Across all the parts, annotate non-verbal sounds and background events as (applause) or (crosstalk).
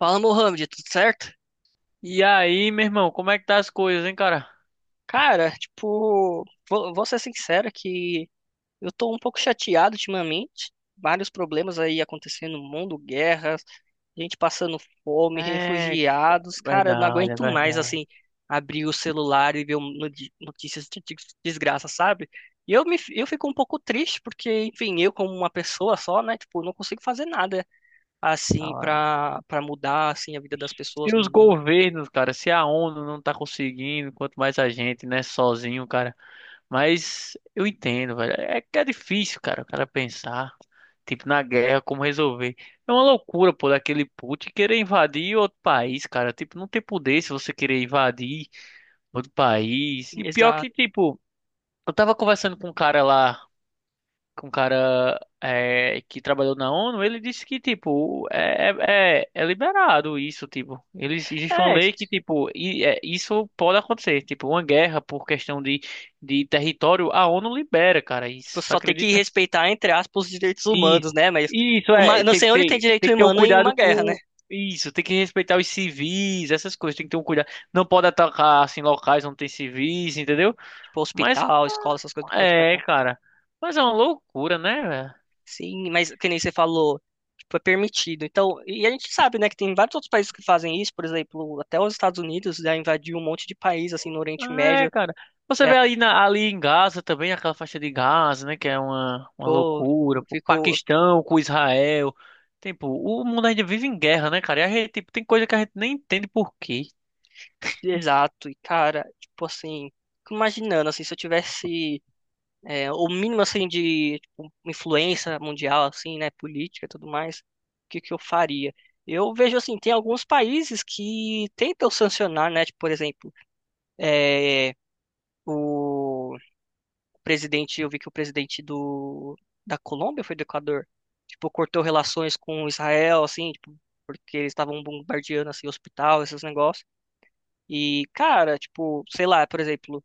Fala, Mohamed, tudo certo? E aí, meu irmão, como é que tá as coisas, hein, cara? Cara, tipo, vou ser sincero que eu tô um pouco chateado ultimamente. Vários problemas aí acontecendo no mundo, guerras, gente passando fome, É refugiados. Cara, eu não verdade, é aguento mais, verdade. assim, abrir o celular e ver notícias de desgraça, sabe? E eu fico um pouco triste porque, enfim, eu como uma pessoa só, né, tipo, não consigo fazer nada, assim, Ah, pra mudar, assim, a vida das pessoas Se no os mundo. governos, cara, se a ONU não tá conseguindo, quanto mais a gente, né, sozinho, cara. Mas eu entendo, velho. É que é difícil, cara, o cara pensar, tipo, na guerra, como resolver. É uma loucura, pô, daquele Putin querer invadir outro país, cara. Tipo, não tem poder se você querer invadir outro país. E pior Exato. que, tipo, eu tava conversando com um cara lá. Com um cara que trabalhou na ONU. Ele disse que, tipo, é liberado isso, tipo. Existe uma É, lei que, tipo, isso pode acontecer. Tipo, uma guerra por questão de território, a ONU libera, cara, isso. você Tu só tem que acredita? respeitar, entre aspas, os direitos E humanos, né? Mas e isso é, não sei onde tem tem direito que ter um humano em cuidado uma guerra, né? com... Isso, tem que respeitar os civis, essas coisas, tem que ter um cuidado. Não pode atacar, assim, locais onde tem civis, entendeu? Tipo, Mas, hospital, escola, essas coisas não pode é, atacar. cara, mas é uma loucura, né, velho? Sim, mas que nem você falou, tipo, é permitido. Então, e a gente sabe, né, que tem vários outros países que fazem isso, por exemplo, até os Estados Unidos já invadiu um monte de país, assim, no Oriente Ah, é, Médio. cara. Você É, vê ali, na- ali em Gaza também, aquela faixa de Gaza, né? Que é uma pô, loucura. eu O fico. Paquistão com Israel. Tipo, o mundo ainda vive em guerra, né, cara? E a gente, tipo, tem coisa que a gente nem entende por quê. Exato, e cara, tipo assim, fico imaginando, assim, se eu tivesse é, o mínimo assim de tipo, influência mundial assim, né, política e tudo mais, o que que eu faria? Eu vejo assim, tem alguns países que tentam sancionar, né, tipo, por exemplo, é, o presidente, eu vi que o presidente do da Colômbia foi do Equador, tipo, cortou relações com Israel assim, tipo, porque eles estavam bombardeando assim hospital, esses negócios. E, cara, tipo, sei lá, por exemplo,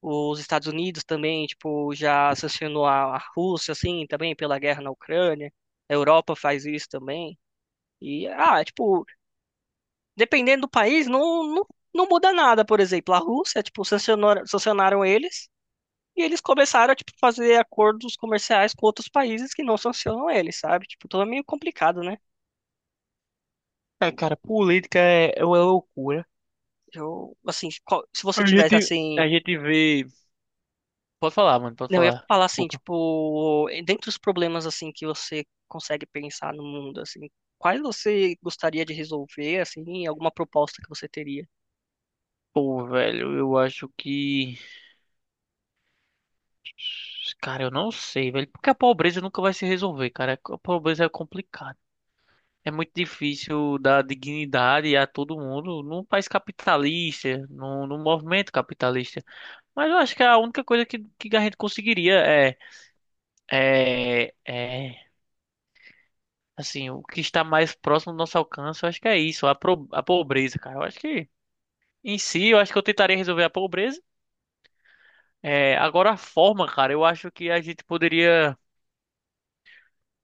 os Estados Unidos também, tipo, já sancionou a Rússia, assim, também pela guerra na Ucrânia. A Europa faz isso também. E, ah, é, tipo, dependendo do país, não, não muda nada. Por exemplo, a Rússia, tipo, sancionaram eles e eles começaram a, tipo, fazer acordos comerciais com outros países que não sancionam eles, sabe? Tipo, tudo é meio complicado, né? É, cara, política é, é uma loucura. Eu, assim, se você A tivesse, gente, assim, a gente vê. Pode falar, mano, pode não, eu ia falar. falar assim, Desculpa. tipo, dentre os problemas assim que você consegue pensar no mundo, assim, quais você gostaria de resolver, assim, alguma proposta que você teria? Pô, velho, eu acho que. Cara, eu não sei, velho. Porque a pobreza nunca vai se resolver, cara. A pobreza é complicada. É muito difícil dar dignidade a todo mundo num país capitalista, num movimento capitalista. Mas eu acho que a única coisa que a gente conseguiria é assim, o que está mais próximo do nosso alcance, eu acho que é isso, a pobreza, cara. Eu acho que, em si, eu acho que eu tentaria resolver a pobreza. É, agora, a forma, cara, eu acho que a gente poderia.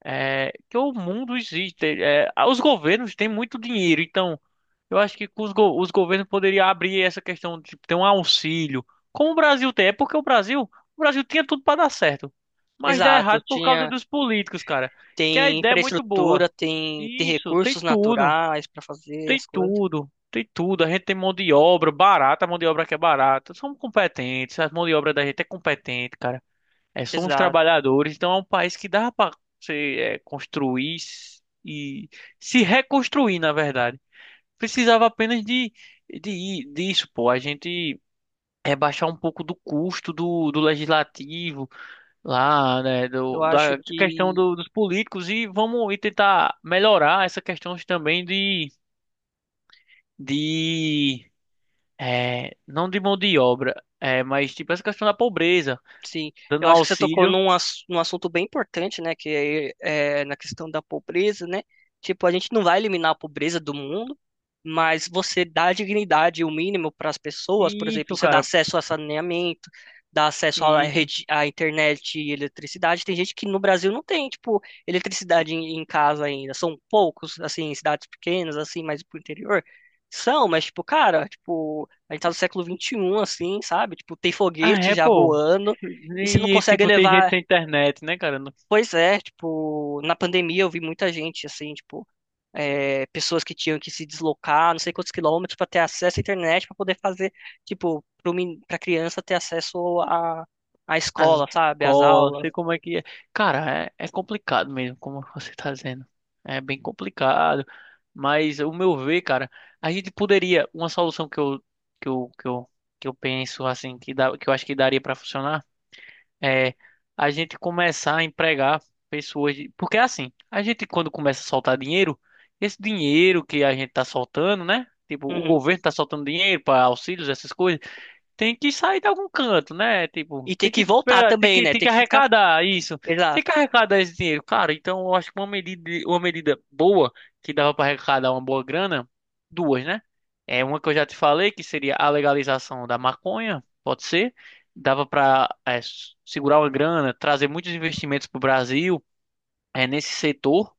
É, que o mundo existe. É, os governos têm muito dinheiro, então. Eu acho que os governos poderiam abrir essa questão de tipo, ter um auxílio. Como o Brasil tem, é porque o Brasil tinha tudo para dar certo, mas dá Exato, errado por causa tinha, dos políticos, cara. Que a tem ideia é muito infraestrutura, boa. Tem Isso, tem recursos tudo, naturais para fazer tem as coisas. tudo, tem tudo. A gente tem mão de obra barata, a mão de obra que é barata. Somos competentes, a mão de obra da gente é competente, cara. É, somos Exato. trabalhadores, então é um país que dá para você é, construir e se reconstruir, na verdade. Precisava apenas de disso, pô. A gente é baixar um pouco do custo do legislativo lá, né, Eu acho da questão que do- dos políticos e vamos e tentar melhorar essa questão também de é, não de mão de obra, é, mas tipo essa questão da pobreza, sim, dando eu um acho que você tocou auxílio. num, num assunto bem importante, né? Que é, é na questão da pobreza, né? Tipo, a gente não vai eliminar a pobreza do mundo, mas você dá dignidade, o mínimo para as pessoas, por exemplo, Isso, você dá cara, acesso a saneamento, dá acesso à isso. rede, à internet e eletricidade. Tem gente que no Brasil não tem, tipo, eletricidade em, em casa ainda. São poucos, assim, em cidades pequenas, assim, mais pro interior. São, mas, tipo, cara, tipo, a gente tá no século XXI, assim, sabe? Tipo, tem Ah, foguete é, já pô. voando. E se não E, consegue tipo, tem gente levar. sem internet, né, cara? Pois é, tipo, na pandemia eu vi muita gente, assim, tipo, é, pessoas que tinham que se deslocar, não sei quantos quilômetros, para ter acesso à internet, para poder fazer, tipo, para criança ter acesso à, à As escola, sabe? Às golas, aulas. sei como é que é. Cara, é, é complicado mesmo, como você tá dizendo. É bem complicado, mas o meu ver, cara, a gente poderia, uma solução que eu, que eu, que eu penso assim, que dá, que eu acho que daria para funcionar, é a gente começar a empregar pessoas, de- porque é assim, a gente quando começa a soltar dinheiro, esse dinheiro que a gente tá soltando, né? Tipo, o Uhum. governo tá soltando dinheiro para auxílios, essas coisas tem que sair de algum canto, né? E Tipo, ter que voltar também, né? tem Ter que que ficar. arrecadar isso. Tem Exato, que arrecadar esse dinheiro. Cara, então eu acho que uma medida boa que dava para arrecadar uma boa grana, duas, né? É uma que eu já te falei, que seria a legalização da maconha, pode ser. Dava para segurar uma grana, trazer muitos investimentos para o Brasil, é, nesse setor.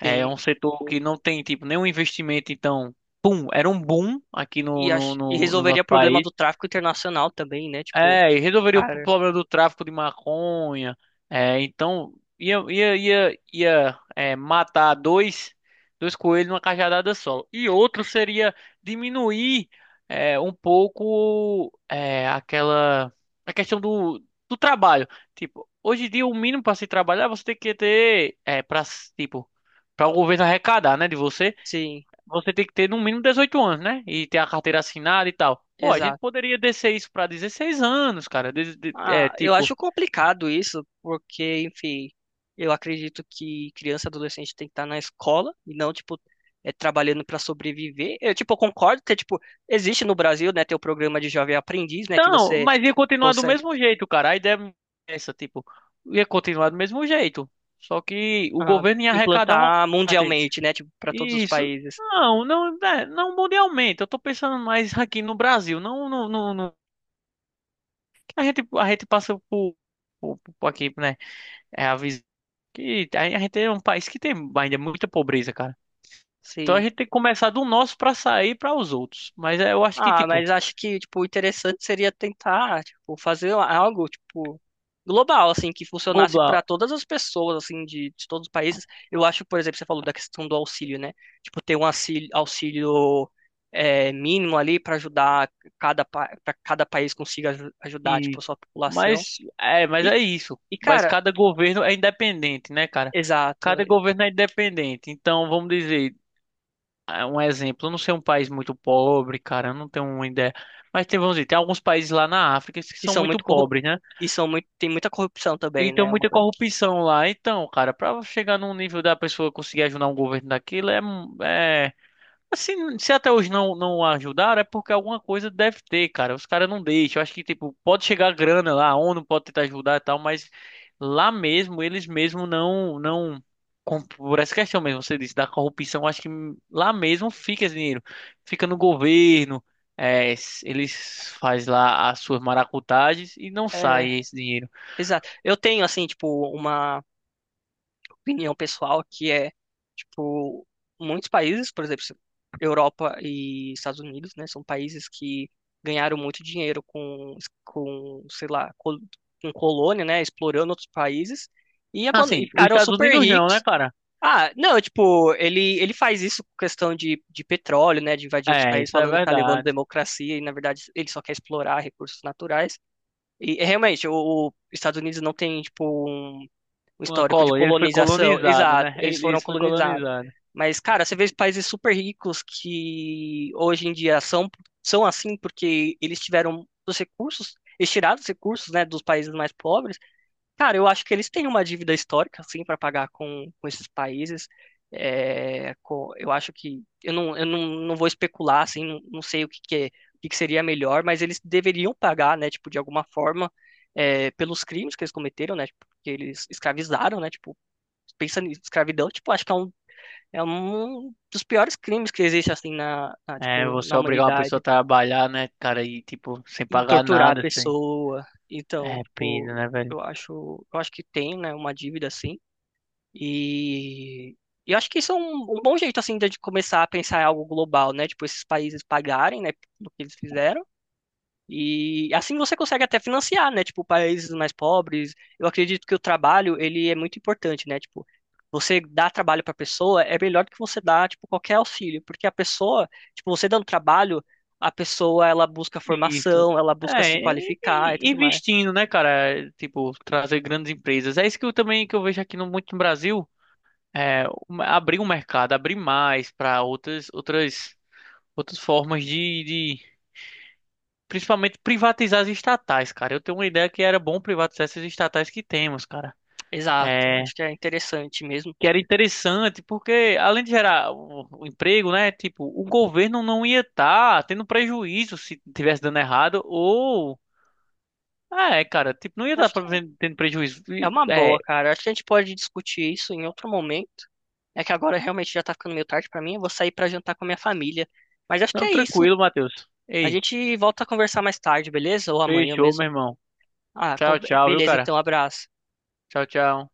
É sim. um setor que não tem, tipo, nenhum investimento, então, pum, era um boom aqui E, e no resolveria nosso o problema país. do tráfico internacional também, né? Tipo, É, e resolveria o cara, problema do tráfico de maconha. É, então ia é, matar dois, dois coelhos numa cajadada só. E outro seria diminuir é, um pouco é, aquela a questão do trabalho. Tipo, hoje em dia o mínimo para se trabalhar é você tem que ter é, para tipo para o governo arrecadar, né, de você sim, você tem que ter no mínimo 18 anos, né? E ter a carteira assinada e tal. Pô, a gente exato. poderia descer isso pra 16 anos, cara. De- é, Ah, eu tipo. acho complicado isso, porque, enfim, eu acredito que criança e adolescente tem que estar na escola e não, tipo, é, trabalhando para sobreviver. Eu, tipo, eu concordo que, tipo, existe no Brasil, né, ter o programa de jovem aprendiz, né, que Não, você mas ia continuar do consegue mesmo jeito, cara. A ideia é essa, tipo, ia continuar do mesmo jeito. Só que o ah, governo ia arrecadar uma implantar parte. mundialmente, né, tipo, para todos os Isso. países. Não, não, é, não mundialmente. Eu tô pensando mais aqui no Brasil. Não, não, não, não. A gente passa por aqui, né? É a visão que a gente é um país que tem ainda é muita pobreza, cara. Então a Sim. gente tem que começar do nosso pra sair pra os outros. Mas é, eu acho que Ah, tipo, mas acho que, tipo, o interessante seria tentar, tipo, fazer algo, tipo, global, assim, que funcionasse para global todas as pessoas, assim, de todos os países. Eu acho, por exemplo, você falou da questão do auxílio, né? Tipo, ter um auxílio, auxílio é, mínimo ali para ajudar cada, para cada país consiga ajudar, tipo, a e sua população. Mas E, é isso. e, Mas cara, cada governo é independente, né, cara? exato, Cada governo é independente. Então, vamos dizer, ah, um exemplo, eu não sei um país muito pobre, cara, eu não tenho uma ideia. Mas tem, vamos dizer, tem alguns países lá na África que que são são muito muito corrup... pobres, né? e são muito, tem muita corrupção E também, né? tem É uma muita coisa. corrupção lá. Então, cara, pra chegar num nível da pessoa conseguir ajudar um governo daquilo é, é assim, se até hoje não ajudaram, é porque alguma coisa deve ter, cara. Os caras não deixam. Eu acho que, tipo, pode chegar grana lá, a ONU pode tentar ajudar e tal, mas lá mesmo, eles mesmo não. com- Por essa questão mesmo, você disse, da corrupção, eu acho que lá mesmo fica esse dinheiro. Fica no governo, é, s- eles faz lá as suas maracutagens e não É, sai esse dinheiro. exato. Eu tenho, assim, tipo, uma opinião pessoal que é, tipo, muitos países, por exemplo, Europa e Estados Unidos, né, são países que ganharam muito dinheiro com, sei lá, com colônia, né, explorando outros países e, e Assim, os ficaram Estados super Unidos não, né, ricos. cara? Ah, não, tipo, ele faz isso com questão de petróleo, né, de invadir outros É, países, isso é falando que tá levando verdade. democracia e, na verdade, ele só quer explorar recursos naturais. E, realmente, o Estados Unidos não tem, tipo, um o Uma histórico de colônia, ele foi colonização. colonizado, Exato, né? (laughs) eles Ele foram foi colonizados. colonizado. Mas, cara, você vê os países super ricos que hoje em dia são, são assim porque eles tiveram os recursos, eles tiraram os recursos, né, dos países mais pobres. Cara, eu acho que eles têm uma dívida histórica, assim, para pagar com esses países. É, eu acho que. Eu não, não vou especular, assim, não sei o que, que, o que que seria melhor, mas eles deveriam pagar, né, tipo, de alguma forma, é, pelos crimes que eles cometeram, né, tipo, que eles escravizaram, né, tipo, pensa em escravidão, tipo, acho que é um dos piores crimes que existe, assim, na, É, tipo, você na obrigar uma pessoa a humanidade. trabalhar, né, cara, e tipo, sem E pagar torturar a nada, assim. pessoa. Então, É pena, tipo, né, velho? Eu acho que tem, né, uma dívida, assim. E eu acho que isso é um, um bom jeito, assim, de começar a pensar em algo global, né? Tipo, esses países pagarem, né, do que eles fizeram. E assim você consegue até financiar, né? Tipo, países mais pobres. Eu acredito que o trabalho, ele é muito importante, né? Tipo, você dar trabalho para a pessoa é melhor do que você dar, tipo, qualquer auxílio. Porque a pessoa, tipo, você dando trabalho, a pessoa, ela busca Isso. formação, ela busca se É, qualificar e e- tudo mais. investindo, né, cara? É, tipo, trazer grandes empresas. É isso que eu também que eu vejo aqui no, muito no Brasil. É, um- abrir um mercado, abrir mais para outras, outras, outras formas de, de. Principalmente privatizar as estatais, cara. Eu tenho uma ideia que era bom privatizar essas estatais que temos, cara. Exato. É, Acho que é interessante mesmo. que era interessante, porque além de gerar o emprego, né, tipo, o governo não ia estar tendo prejuízo se tivesse dando errado, ou... Ah, é, cara, tipo, não ia estar Acho que tendo prejuízo. é E, uma é, boa, cara. Acho que a gente pode discutir isso em outro momento. É que agora realmente já tá ficando meio tarde pra mim. Eu vou sair pra jantar com a minha família. Mas acho que não, é isso. tranquilo, Matheus. A Ei, gente volta a conversar mais tarde, beleza? Ou amanhã fechou, meu mesmo. irmão. Ah, com- Tchau, tchau, viu, beleza, cara? então, abraço. Tchau, tchau.